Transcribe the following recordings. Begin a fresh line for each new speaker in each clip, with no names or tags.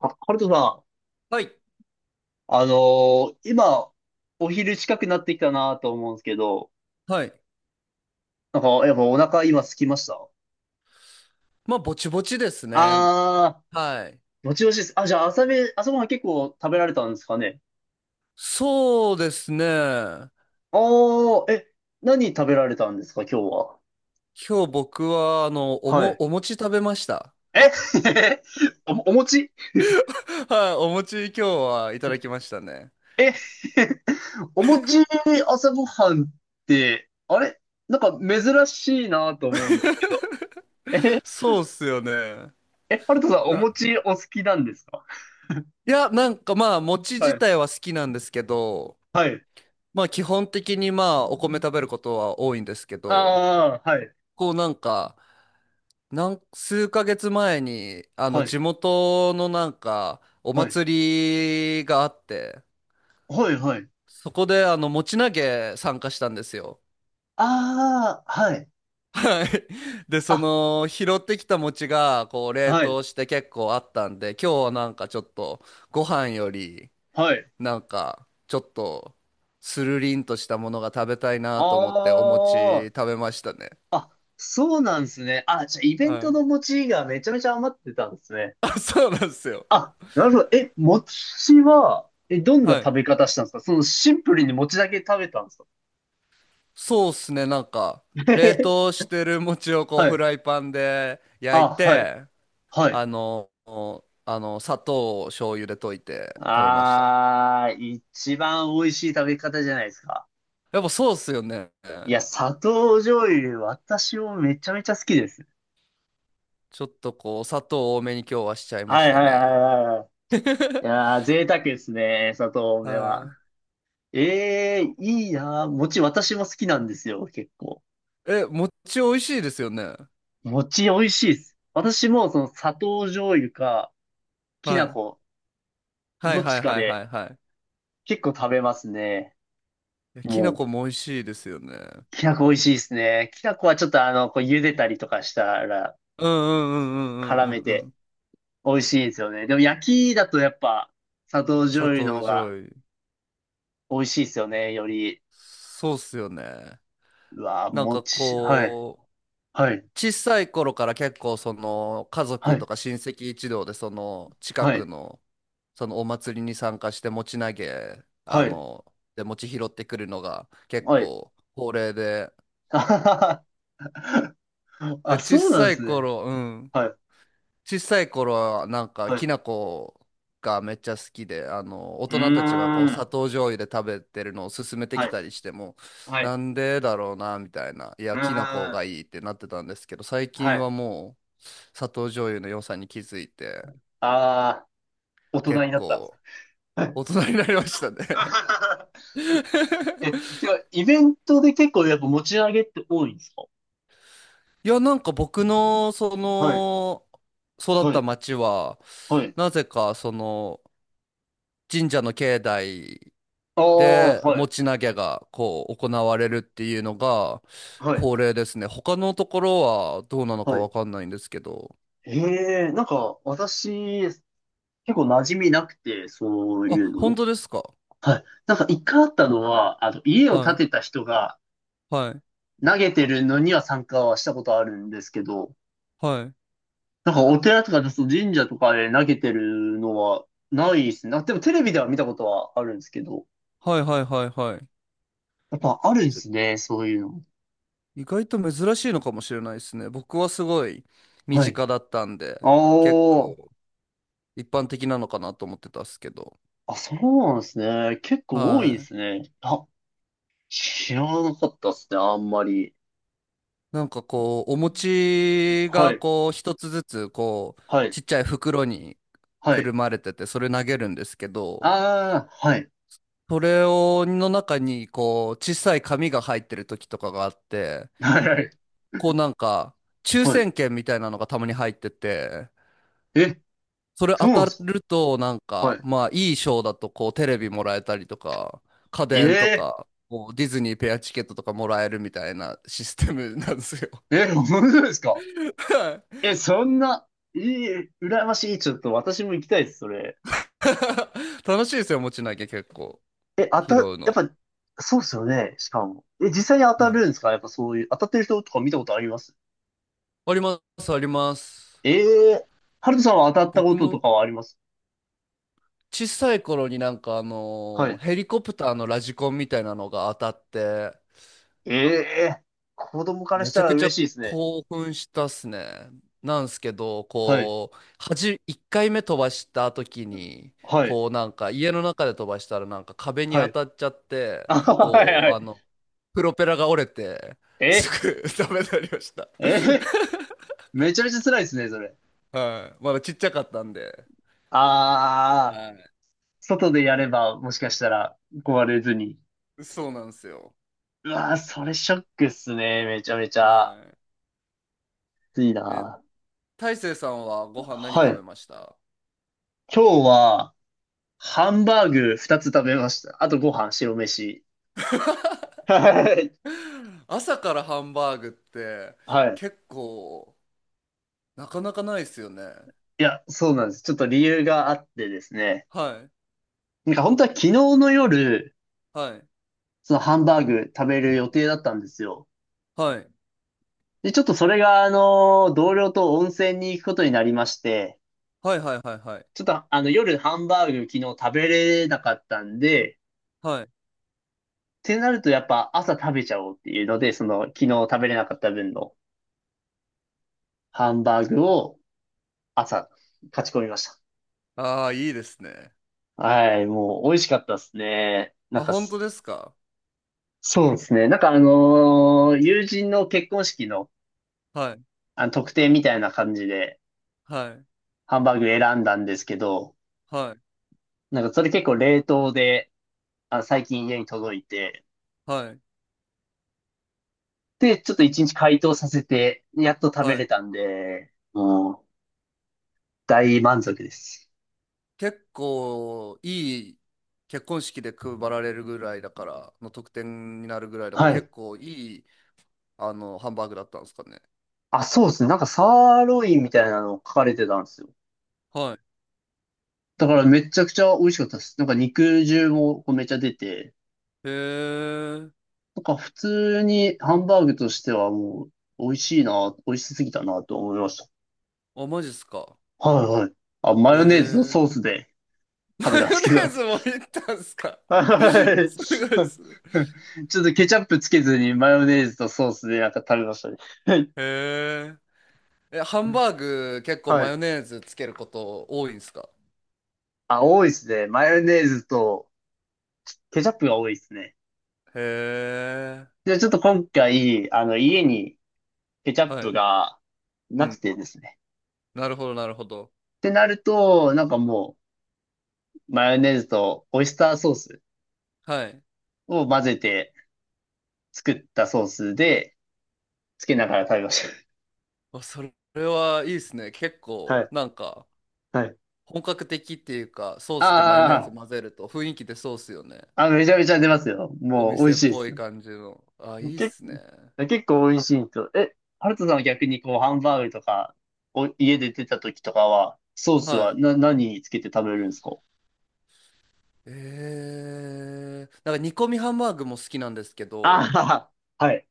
あ、ハルトさ
はい。
ん、今、お昼近くなってきたなと思うんですけど、
はい。
なんか、やっぱお腹今空きました？
まあ、ぼちぼちですね。
あ
はい。
ー、もちもちです。あ、じゃあ朝ごはん結構食べられたんですかね？
そうですね。今
あー、え、何食べられたんですか、今日は。
日僕は、
はい。
お餅食べました。
え お餅？
はい。お餅今日はいただきましたね。
え お餅、朝ごはんって、あれなんか珍しいなと思うんですけど。え、
そうっすよね。
え、ハルトさん、お
な、
餅お好きなんですか？
いや、なんかまあ、餅
は
自
い。
体は好きなんですけど、
はい。
まあ、基本的にまあ、お米食べることは多いんですけど、
ああ、はい、
こうなんか、なん数ヶ月前に、あの、
はい、
地元のなんか、お
はい、
祭りがあって、
はい、はい。
そこであの餅投げ参加したんですよ。
ああ、はい、
はい。で、そ
あ、
の拾ってきた餅がこう冷
はい、
凍して結構あったんで、今日はなんかちょっとご飯より
はい。
なんかちょっとスルリンとしたものが食べたい
あ
なと思ってお餅
あ、
食べましたね。
そうなんですね。あ、じゃあ、イベント
はい。
の餅がめちゃめちゃ余ってたんですね。
あ、そうなんですよ。
あ、なるほど。え、餅は、どんな
は
食
い。
べ方したんですか？そのシンプルに餅だけ食べたんですか？
そうっすね。なんか冷凍 してる餅をこう
は
フ
い。
ライパンで焼い
あ、はい、
て、
はい。
あの、あの、砂糖を醤油で溶いて食べました。
ああ、一番美味しい食べ方じゃないですか。
やっぱそうっすよね。
いや、砂糖醤油、私もめちゃめちゃ好きです。
ちょっとこう、砂糖多めに今日はしちゃいま
は
し
い
た
はいはい
ね。
はいはい。い やー、贅沢ですね、砂糖多めは。
は
ええー、いいなー。餅私も好きなんですよ、結構。
い。え、餅美味しいですよね。
餅美味しいです。私もその砂糖醤油か、き
は
な
い。
粉、
は
ど
い
っ
は
ち
い
か
はいは
で
いはい。
結構食べますね。
いやきな粉
も
も美味しいですよね。
う、きな粉美味しいですね。きな粉はちょっとこう茹でたりとかしたら
うんうんうんうん
絡
うん
め
うんう
て
ん。
美味しいんですよね。でも焼きだとやっぱ砂糖醤
砂
油の方
糖醤
が
油。
美味しいですよね、より。
そうっすよね。
うわー、
なんか
餅。はい、
こ
はい、
う、小さい頃から結構その家
は
族と
い、
か親戚一同でその近
は
く
い。
のそのお祭りに参加して餅投げあ
はい。
ので餅拾ってくるのが結
はい。
構恒例で、
あはははあ、
で小
そうなんで
さい
すね。
頃うん、
はい。
小さい頃はなんか
はい。
きな粉がめっちゃ好きで、あの大
うー
人たちがこう砂
ん。
糖醤油で食べてるのを勧めて
は
き
い。
たりしても、
はい。
なんでだろうなみたいな、いや
う
きな粉
ーん。
がいいってなってたんですけど、最
は
近
い。
はもう砂糖醤油の良さに気づいて
ああ、大人
結
になったんですか。
構
はい。
大 人になりました
あは
ね。
は。え、てか、イベントで結構やっぱ持ち上げって多いんですか？
いやなんか僕のそ
はい。
の育っ
は
た
い。
町は
はい。
なぜかその神社の境内
ああ、
で、
は
持
い。
ち投げがこう行われるっていうのが
はい。
恒例ですね。他のところはどうなのか
はい。
わかんないんですけど。
へえ、なんか、私、結構馴染みなくて、そう
あ、
いう
本
の。
当ですか？
はい。なんか一回あったのは、家を
は
建て
い、
た人が、
はい、
投げてるのには参加はしたことあるんですけど、
はい、
なんかお寺とか、そう神社とかで投げてるのはないですね。あ、でもテレビでは見たことはあるんですけど、
はい、はい、はい、はい。
やっぱあるんで
ちょ
すね、そういうの。
意外と珍しいのかもしれないですね。僕はすごい身
はい。
近だったん
あ
で、結
ー
構一般的なのかなと思ってたっすけど。
あ、そうなんですね。結構多い
は
で
い。
すね。あ、知らなかったですね、あんまり。
なんかこう、お餅
は
が
い、
こう、一つずつこう、
はい、
ちっちゃい袋に
は
くる
い。
まれてて、それ投げるんですけど、
ああ、はい、
それを、の中にこう、小さい紙が入ってる時とかがあって、
はい、はい。
こうなんか、抽
はい。
選券みたいなのがたまに入ってて、
え、
それ
そ
当
うなん
た
ですか？
るとなん
は
か、
い。
まあいい賞だとこう、テレビもらえたりとか、家電と
ええ
か、こうディズニーペアチケットとかもらえるみたいなシステムなんですよ。
ー、え、本当ですか？ え、そんな、いい、羨ましい。ちょっと私も行きたいです、それ。
楽しいですよ、持ち投げ結構。
え、
拾
や
う
っ
の。
ぱ、そうっすよね、しかも。え、実際に当た
はい。
るんですか？やっぱそういう、当たってる人とか見たことあります？
あります、あります。
ええー、ハルトさんは当たったこ
僕
とと
も
かはあります？
小さい頃になんかあ
は
のー
い。
ヘリコプターのラジコンみたいなのが当たって、
ええー、子供から
め
し
ち
た
ゃ
ら
くちゃ
嬉しいですね。
興奮したっすね。なんすけど、
はい、
こう、1回目飛ばした時に、
はい、
こうなんか家の中で飛ばしたらなんか壁に
は
当
い。
たっちゃっ て、
あ、はい、
こ
は
う、あ
い。
の、プロペラが折れて、す
え、
ぐ ダメになりました。
え、めちゃめちゃ辛いですね、それ。
はい。まだちっちゃかったんで。
ああ、
は
外でやれば、もしかしたら、壊れずに。
い。そうなんですよ。
うわー、それショックっすね、めちゃめちゃ。
は
暑い
い。え、
な。
大成さんはご飯何
は
食べ
い。
ました？
今日は、ハンバーグ2つ食べました。あとご飯、白飯。はい。
朝からハンバーグって
はい。
結構なかなかないですよね。
いや、そうなんです。ちょっと理由があってですね。
はい。
なんか本当は昨日の夜、
はい。
そのハンバーグ食べる予定だったんですよ。
はい。
で、ちょっとそれが、同僚と温泉に行くことになりまして、
はいはいはいはい。
ちょっとあの夜ハンバーグ昨日食べれなかったんで、っ
はい。
てなるとやっぱ朝食べちゃおうっていうので、その昨日食べれなかった分のハンバーグを朝、勝ち込みました。
ああ、いいですね。
はい、もう美味しかったですね。なん
あ、
か
本
す、
当ですか？
そうですね。なんか友人の結婚式の、
はい。
あの特典みたいな感じで
はい。
ハンバーグ選んだんですけど、
はい。
なんかそれ結構冷凍で、あ、最近家に届いて、
はい。
で、ちょっと一日解凍させて、やっと食べ
は
れ
い。
たんで、もう大満足です。
結構いい結婚式で配られるぐらいだから、の特典になるぐらいだから
はい。
結構いいあのハンバーグだったんですかね。
あ、そうですね。なんかサーロインみたいなの書かれてたんですよ。
は
だからめちゃくちゃ美味しかったです。なんか肉汁もこうめっちゃ出て、
い。へえ。
なんか普通にハンバーグとしてはもう美味しいな、美味しすぎたなと思いまし
あ、マジっすか。
た。はいはい。あ、
へ
マヨネーズの
え。
ソース で
マ
食べたんで
ヨ
す
ネ
け
ー
ど。
ズもいったんすか。
はい。
すご
ち
いっすね。
ょっとケチャップつけずにマヨネーズとソースでなんか食べましたね。はい
へえ。え、ハンバーグ結構
は
マ
い。
ヨネーズつけること多いんすか？
あ、多いですね。マヨネーズとケチャップが多いですね。
へえ。
で、ちょっと今回、家にケチャッ
は
プ
い。
が
う
なく
ん。
てですね。
なるほど、なるほど。
ってなると、なんかもう、マヨネーズとオイスターソース
はい。
を混ぜて、作ったソースで、つけながら食べまし
あ、それは、いいですね。結
た。は
構、
い。
なんか、
はい。
本格的っていうか、ソースとマヨネーズ
あ
混ぜると雰囲気でそうっすよね。
あ、あ、めちゃめちゃ出ますよ。
お
もう美
店
味
っ
しいで
ぽい
す。
感じの。あ、いいっ
け、
すね。
結構美味しいと。え、ハルトさんは逆にこう、ハンバーグとか、家で出た時とかは、ソース
は
は
い。
何につけて食べるんですか？
えー、なんか煮込みハンバーグも好きなんですけど、
ああ、はい。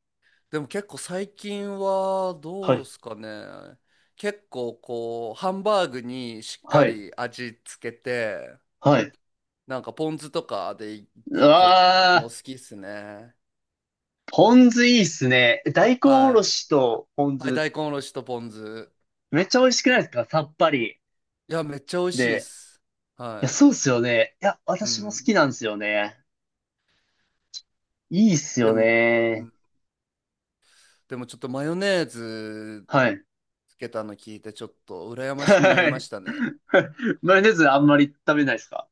でも結構最近は
は
どうで
い。
すかね。結構こう、ハンバーグにしっか
はい。
り味つけて、
はい。
なんかポン酢とかでい
う
くこの好
わ
きっすね。
ー、ポン酢いいっすね。大根おろ
は
しとポン
い。はい、
酢、
大根おろしとポン酢。
めっちゃ美味しくないですか？さっぱり。
いや、めっちゃ美味しいっ
で、
す。
い
は
や、そう
い。
っすよね。いや、
う
私も好
ん。
きなんですよね。いいっす
で
よ
も、う
ね。
ん、でもちょっとマヨネーズ
はい。
つけたの聞いてちょっと羨ましくなり
は
ま
い。
したね。
マヨネーズあんまり食べないですか？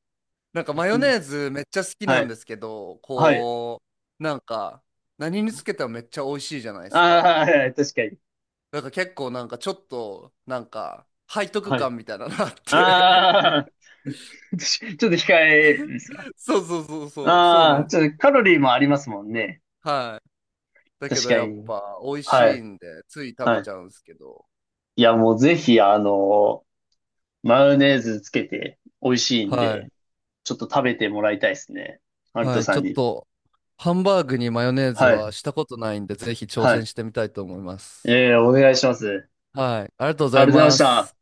なんかマヨ
うん。
ネーズめっちゃ好き
は
なん
い。
ですけど、
はい。
こう、なんか何につけてもめっちゃ美味しいじゃないで
あ
す
あ、
か。
はいはい確かに。
なんか結構なんかちょっとなんか背徳
はい。
感みたいなのあって。
ああ、ちょっと控えですか？
そうそうそうそう、そう
あ
なん
あ、
で
ち
す
ょ
け
っと
ど。
カロリーもありますもんね。
はい。だけ
確
ど
か
やっ
に。
ぱ美味
は
しい
い。
んでつい食べ
は
ち
い。
ゃうんですけど。
いや、もうぜひ、マヨネーズつけて美味しいん
はい
で、ちょっと食べてもらいたいですね。マルト
はい、
さ
ちょ
ん
っ
に。
と、ハンバーグにマヨネーズ
はい。
はしたことないんで、ぜひ挑
は
戦
い。
してみたいと思います。
ええ、お願いします。
はい、ありがとうござ
ありがとう
い
ございまし
ます。
た。